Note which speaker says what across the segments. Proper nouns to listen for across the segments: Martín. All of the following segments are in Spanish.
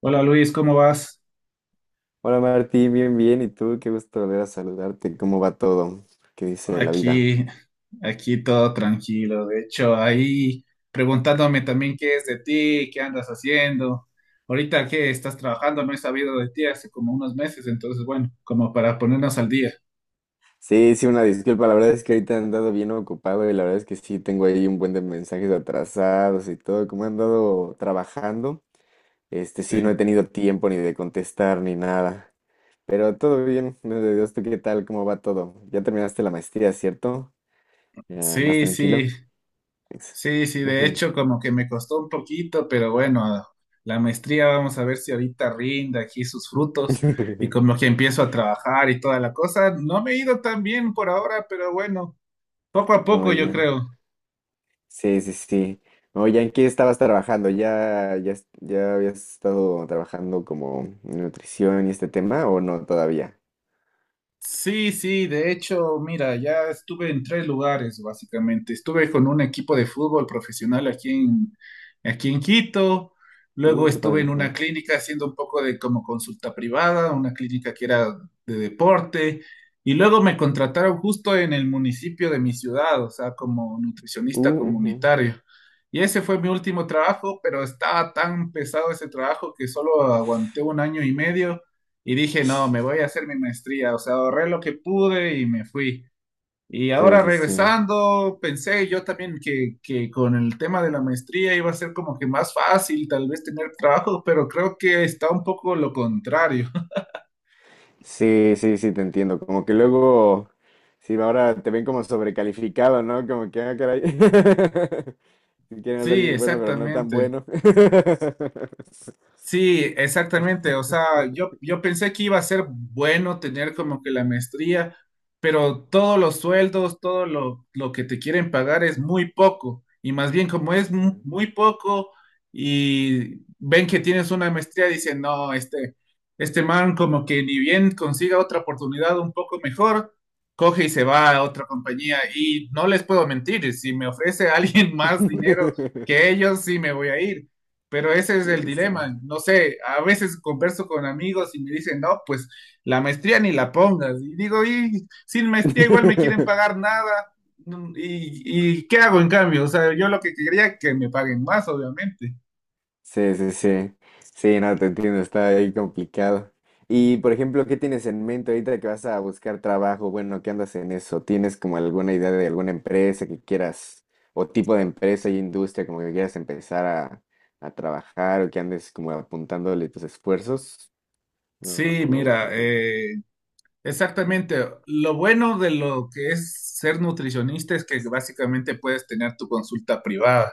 Speaker 1: Hola Luis, ¿cómo vas?
Speaker 2: Hola Martín, bien, bien. ¿Y tú? Qué gusto volver a saludarte. ¿Cómo va todo? ¿Qué dice la vida?
Speaker 1: Aquí, aquí todo tranquilo. De hecho, ahí preguntándome también qué es de ti, qué andas haciendo. Ahorita que estás trabajando, no he sabido de ti hace como unos meses, entonces bueno, como para ponernos al día.
Speaker 2: Sí, sí, una disculpa. La verdad es que ahorita he andado bien ocupado y la verdad es que sí tengo ahí un buen de mensajes atrasados y todo. Como he andado trabajando, este sí no he
Speaker 1: Sí.
Speaker 2: tenido tiempo ni de contestar ni nada. Pero todo bien, gracias a Dios. ¿Tú qué tal? ¿Cómo va todo? Ya terminaste la maestría, ¿cierto? Ya, más
Speaker 1: Sí, sí,
Speaker 2: tranquilo. Ex-
Speaker 1: sí, sí, de hecho como que me costó un poquito, pero bueno, la maestría vamos a ver si ahorita rinde aquí sus frutos y
Speaker 2: Ujú.
Speaker 1: como que empiezo a trabajar y toda la cosa. No me he ido tan bien por ahora, pero bueno. Poco a
Speaker 2: Oh,
Speaker 1: poco, yo creo.
Speaker 2: sí, sí, sí. Oye, ¿en qué estabas trabajando? ¿ Ya habías estado trabajando como en nutrición y este tema o no todavía?
Speaker 1: Sí, sí, de hecho, mira, ya estuve en tres lugares, básicamente. Estuve con un equipo de fútbol profesional aquí en Quito. Luego
Speaker 2: Qué
Speaker 1: estuve
Speaker 2: padre.
Speaker 1: en una
Speaker 2: Ajá.
Speaker 1: clínica haciendo un poco de como consulta privada, una clínica que era de deporte. Y luego me contrataron justo en el municipio de mi ciudad, o sea, como nutricionista
Speaker 2: Ujú.
Speaker 1: comunitario. Y ese fue mi último trabajo, pero estaba tan pesado ese trabajo que solo aguanté un año y medio. Y dije, no, me voy a hacer mi maestría, o sea, ahorré lo que pude y me fui. Y
Speaker 2: Sí,
Speaker 1: ahora
Speaker 2: sí, sí.
Speaker 1: regresando, pensé yo también que con el tema de la maestría iba a ser como que más fácil tal vez tener trabajo, pero creo que está un poco lo contrario.
Speaker 2: Sí, sí, sí, te entiendo. Como que luego, sí, ahora te ven como sobrecalificado, ¿no? Como que, ah, caray. Si quieres a
Speaker 1: Sí,
Speaker 2: alguien bueno, pero no tan
Speaker 1: exactamente.
Speaker 2: bueno.
Speaker 1: Sí, exactamente. O sea, yo pensé que iba a ser bueno tener como que la maestría, pero todos los sueldos, todo lo que te quieren pagar es muy poco. Y más bien como
Speaker 2: Sí,
Speaker 1: es
Speaker 2: sí.
Speaker 1: muy poco y ven que tienes una maestría, dicen, no, este man como que ni bien consiga otra oportunidad un poco mejor, coge y se va a otra compañía. Y no les puedo mentir, si me ofrece alguien más dinero que ellos, sí me voy a ir. Pero ese es
Speaker 2: Sí,
Speaker 1: el
Speaker 2: sí,
Speaker 1: dilema. No sé, a veces converso con amigos y me dicen, no, pues la maestría ni la pongas. Y digo, y sin
Speaker 2: sí.
Speaker 1: maestría igual me quieren pagar nada. ¿Y qué hago en cambio? O sea, yo lo que quería es que me paguen más, obviamente.
Speaker 2: Sí, sí, sí. Sí, no, te entiendo, está ahí complicado. Y, por ejemplo, ¿qué tienes en mente ahorita que vas a buscar trabajo? Bueno, ¿qué andas en eso? ¿Tienes como alguna idea de alguna empresa que quieras, o tipo de empresa y industria como que quieras empezar a trabajar o que andes como apuntándole tus esfuerzos? No,
Speaker 1: Sí, mira,
Speaker 2: ujú,
Speaker 1: exactamente. Lo bueno de lo que es ser nutricionista es que básicamente puedes tener tu consulta privada,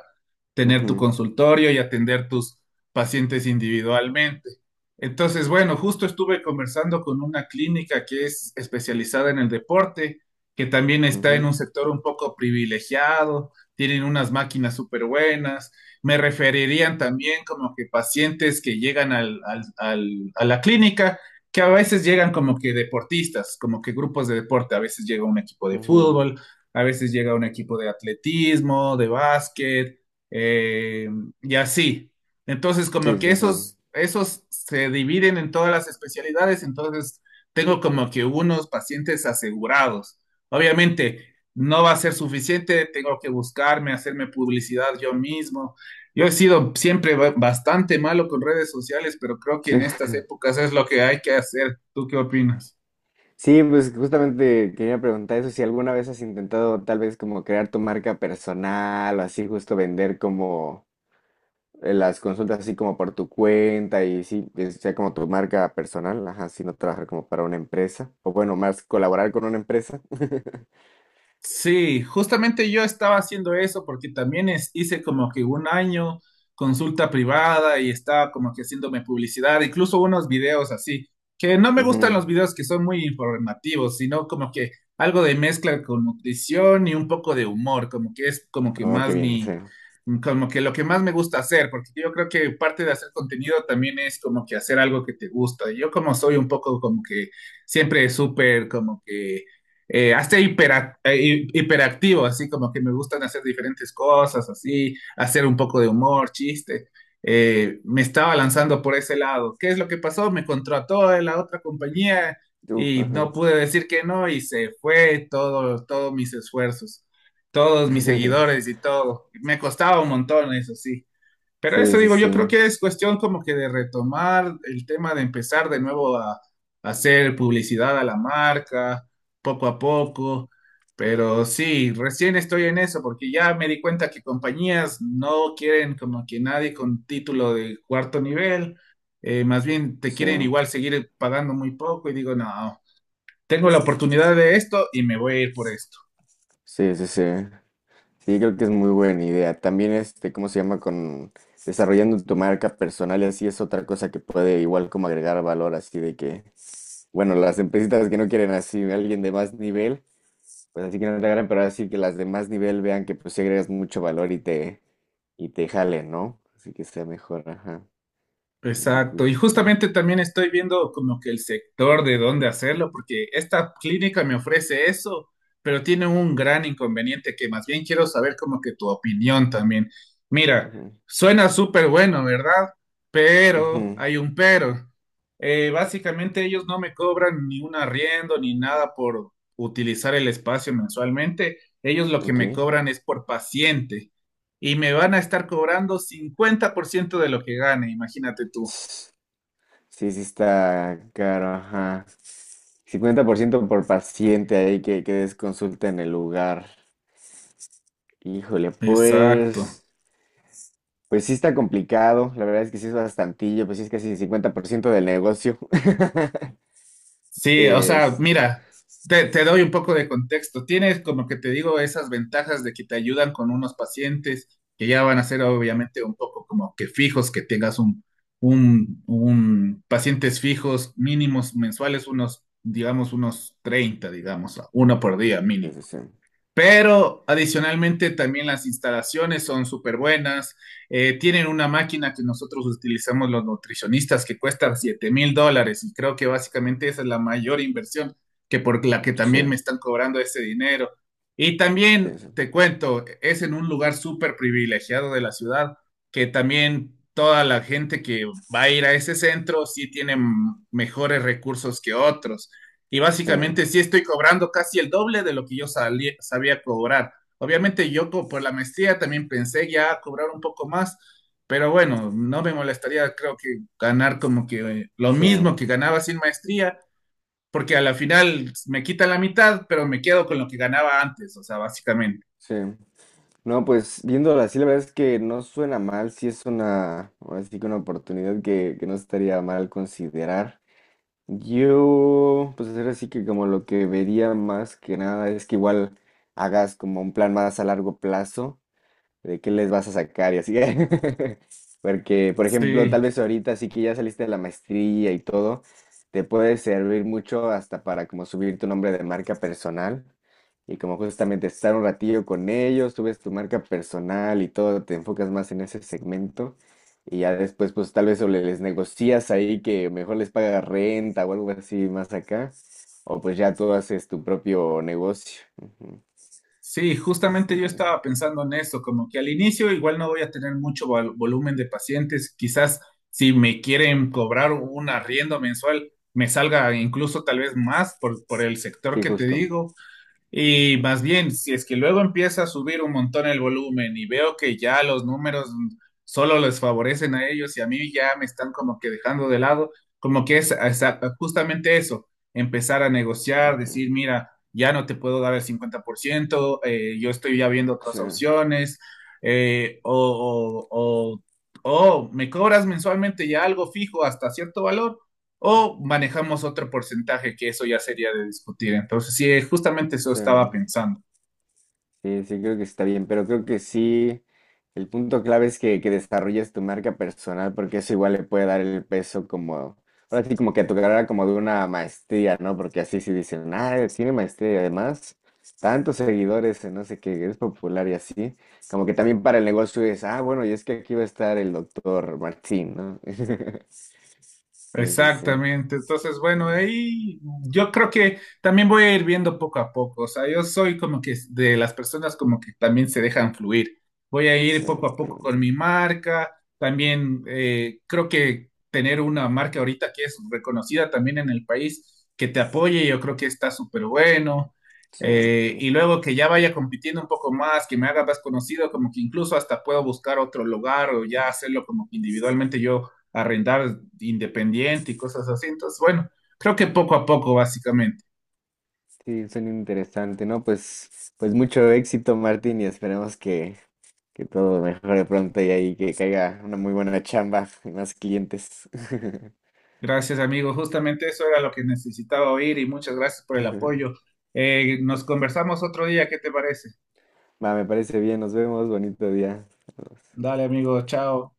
Speaker 1: tener tu
Speaker 2: ujú,
Speaker 1: consultorio y atender tus pacientes individualmente. Entonces, bueno, justo estuve conversando con una clínica que es especializada en el deporte, que también está en
Speaker 2: ujú,
Speaker 1: un sector un poco privilegiado, tienen unas máquinas súper buenas. Me referirían también como que pacientes que llegan a la clínica que a veces llegan como que deportistas, como que grupos de deporte, a veces llega un equipo de
Speaker 2: ujú.
Speaker 1: fútbol, a veces llega un equipo de atletismo, de básquet, eh, y así. Entonces, como
Speaker 2: Sí,
Speaker 1: que
Speaker 2: sí, sí.
Speaker 1: esos se dividen en todas las especialidades, entonces tengo como que unos pacientes asegurados. Obviamente, no va a ser suficiente, tengo que buscarme, hacerme publicidad yo mismo. Yo he sido siempre bastante malo con redes sociales, pero creo que
Speaker 2: Sí.
Speaker 1: en estas épocas es lo que hay que hacer. ¿Tú qué opinas?
Speaker 2: Sí, pues justamente quería preguntar eso, si alguna vez has intentado tal vez como crear tu marca personal o así justo vender como las consultas así como por tu cuenta y sí, que sea como tu marca personal, ajá, si no trabajar como para una empresa o bueno, más colaborar con una empresa.
Speaker 1: Sí, justamente yo estaba haciendo eso porque también hice como que un año consulta privada y estaba como que haciéndome publicidad, incluso unos videos así, que no me gustan los
Speaker 2: Ujú.
Speaker 1: videos que son muy informativos, sino como que algo de mezcla con nutrición y un poco de humor, como que es como que
Speaker 2: Oh, qué
Speaker 1: más
Speaker 2: bien, sí.
Speaker 1: mi, como que lo que más me gusta hacer, porque yo creo que parte de hacer contenido también es como que hacer algo que te gusta. Yo como soy un poco como que siempre súper como que hasta hiperactivo, así como que me gustan hacer diferentes cosas, así, hacer un poco de humor, chiste. Me estaba lanzando por ese lado. ¿Qué es lo que pasó? Me contrató en la otra compañía
Speaker 2: Uf,
Speaker 1: y
Speaker 2: ajá.
Speaker 1: no pude decir que no y se fue todo, todos mis esfuerzos, todos mis seguidores y todo. Me costaba un montón, eso sí. Pero
Speaker 2: Sí,
Speaker 1: eso
Speaker 2: sí,
Speaker 1: digo, yo creo
Speaker 2: sí.
Speaker 1: que es cuestión como que de retomar el tema de empezar de nuevo a hacer publicidad a la marca, poco a poco. Pero sí, recién estoy en eso porque ya me di cuenta que compañías no quieren como que nadie con título de cuarto nivel, más bien te
Speaker 2: Sí,
Speaker 1: quieren igual seguir pagando muy poco y digo, no, tengo la oportunidad de esto y me voy a ir por esto.
Speaker 2: sí, sí, sí. Sí, creo que es muy buena idea. También este, ¿cómo se llama? Con desarrollando tu marca personal y así es otra cosa que puede igual como agregar valor, así de que, bueno, las empresitas que no quieren así alguien de más nivel, pues así que no te agarren, pero así que las de más nivel vean que pues sí agregas mucho valor y y te jalen, ¿no? Así que sea mejor, ajá. Qué cool,
Speaker 1: Exacto, y
Speaker 2: qué cool.
Speaker 1: justamente también estoy viendo como que el sector de dónde hacerlo, porque esta clínica me ofrece eso, pero tiene un gran inconveniente que más bien quiero saber como que tu opinión también. Mira,
Speaker 2: Ujú,
Speaker 1: suena súper bueno, ¿verdad? Pero
Speaker 2: ujú,
Speaker 1: hay un pero. Básicamente ellos no me cobran ni un arriendo ni nada por utilizar el espacio mensualmente. Ellos lo que
Speaker 2: ok.
Speaker 1: me cobran es por paciente y me van a estar cobrando 50% de lo que gane, imagínate tú.
Speaker 2: Sí, sí está caro, ajá. 50% por paciente ahí que des consulta en el lugar. Híjole,
Speaker 1: Exacto.
Speaker 2: pues, pues sí está complicado. La verdad es que sí es bastantillo, pues sí es casi el 50% del negocio.
Speaker 1: Sí, o sea,
Speaker 2: Este,
Speaker 1: mira, te doy un poco de contexto. Tienes, como que te digo, esas ventajas de que te ayudan con unos pacientes que ya van a ser obviamente un poco como que fijos, que tengas un, pacientes fijos mínimos mensuales, unos, digamos, unos 30, digamos, uno por día
Speaker 2: sí,
Speaker 1: mínimo.
Speaker 2: sí, sí,
Speaker 1: Pero adicionalmente también las instalaciones son súper buenas. Tienen una máquina que nosotros utilizamos los nutricionistas que cuesta $7.000 y creo que básicamente esa es la mayor inversión que por la que
Speaker 2: sí,
Speaker 1: también me están cobrando ese dinero. Y
Speaker 2: sí,
Speaker 1: también
Speaker 2: sí,
Speaker 1: te cuento, es en un lugar súper privilegiado de la ciudad que también toda la gente que va a ir a ese centro sí tiene mejores recursos que otros. Y
Speaker 2: sí,
Speaker 1: básicamente sí estoy cobrando casi el doble de lo que yo sabía cobrar. Obviamente yo por la maestría también pensé ya cobrar un poco más, pero bueno, no me molestaría creo que ganar como que lo
Speaker 2: sí.
Speaker 1: mismo que ganaba sin maestría, porque a la final me quita la mitad, pero me quedo con lo que ganaba antes, o sea, básicamente.
Speaker 2: Sí. No, pues viéndolo así, la verdad es que no suena mal. Sí es una, ahora sí que una oportunidad que no estaría mal considerar. Yo, pues ahora sí que como lo que vería más que nada es que igual hagas como un plan más a largo plazo de qué les vas a sacar y así. Porque, por ejemplo, tal
Speaker 1: Sí.
Speaker 2: vez ahorita sí que ya saliste de la maestría y todo, te puede servir mucho hasta para como subir tu nombre de marca personal y como justamente estar un ratillo con ellos, subes tu marca personal y todo, te enfocas más en ese segmento y ya después pues tal vez o les negocias ahí que mejor les paga renta o algo así más acá. O pues ya tú haces tu propio negocio. Ujú.
Speaker 1: Sí,
Speaker 2: Ese está
Speaker 1: justamente yo
Speaker 2: interesante.
Speaker 1: estaba pensando en eso, como que al inicio igual no voy a tener mucho volumen de pacientes, quizás si me quieren cobrar un arriendo mensual, me salga incluso tal vez más por el sector
Speaker 2: Sí,
Speaker 1: que te
Speaker 2: justo.
Speaker 1: digo, y
Speaker 2: Ujú,
Speaker 1: más bien, si es que luego empieza a subir un montón el volumen y veo que ya los números solo les favorecen a ellos y a mí ya me están como que dejando de lado, como que es justamente eso, empezar a negociar,
Speaker 2: ujú.
Speaker 1: decir, mira, ya no te puedo dar el 50%, yo estoy ya viendo otras
Speaker 2: Sí,
Speaker 1: opciones, eh, o, o, o o me cobras mensualmente ya algo fijo hasta cierto valor o manejamos otro porcentaje que eso ya sería de discutir. Entonces, sí, justamente eso
Speaker 2: sí,
Speaker 1: estaba pensando.
Speaker 2: sí, creo que está bien, pero creo que sí, el punto clave es que desarrolles tu marca personal, porque eso igual le puede dar el peso como, ahora sí, como que a tu carrera como de una maestría, ¿no? Porque así sí dicen, ah, tiene maestría y además tantos seguidores, en no sé qué, es popular y así, como que también para el negocio es, ah, bueno, y es que aquí va a estar el doctor Martín, ¿no? Sí, sí, sí,
Speaker 1: Exactamente. Entonces, bueno, ahí yo creo que también voy a ir viendo poco a poco. O sea, yo soy como que de las personas como que también se dejan fluir. Voy a ir
Speaker 2: sí,
Speaker 1: poco a poco con mi marca. También creo que tener una marca ahorita que es reconocida también en el país, que te apoye, yo creo que está súper bueno.
Speaker 2: sí,
Speaker 1: Y
Speaker 2: sí,
Speaker 1: luego que ya vaya compitiendo un poco más, que me haga más conocido, como que incluso hasta puedo buscar otro lugar o ya hacerlo como que individualmente yo a rentar independiente y cosas así. Entonces, bueno, creo que poco a poco, básicamente.
Speaker 2: sí, suena interesante, ¿no? Pues, pues mucho éxito, Martín, y esperemos que todo mejore pronto y ahí que caiga una muy buena chamba y más clientes.
Speaker 1: Gracias, amigo. Justamente eso era lo que necesitaba oír y muchas gracias por el apoyo. Nos conversamos otro día, ¿qué te parece?
Speaker 2: Va, me parece bien, nos vemos, bonito día.
Speaker 1: Dale, amigo, chao.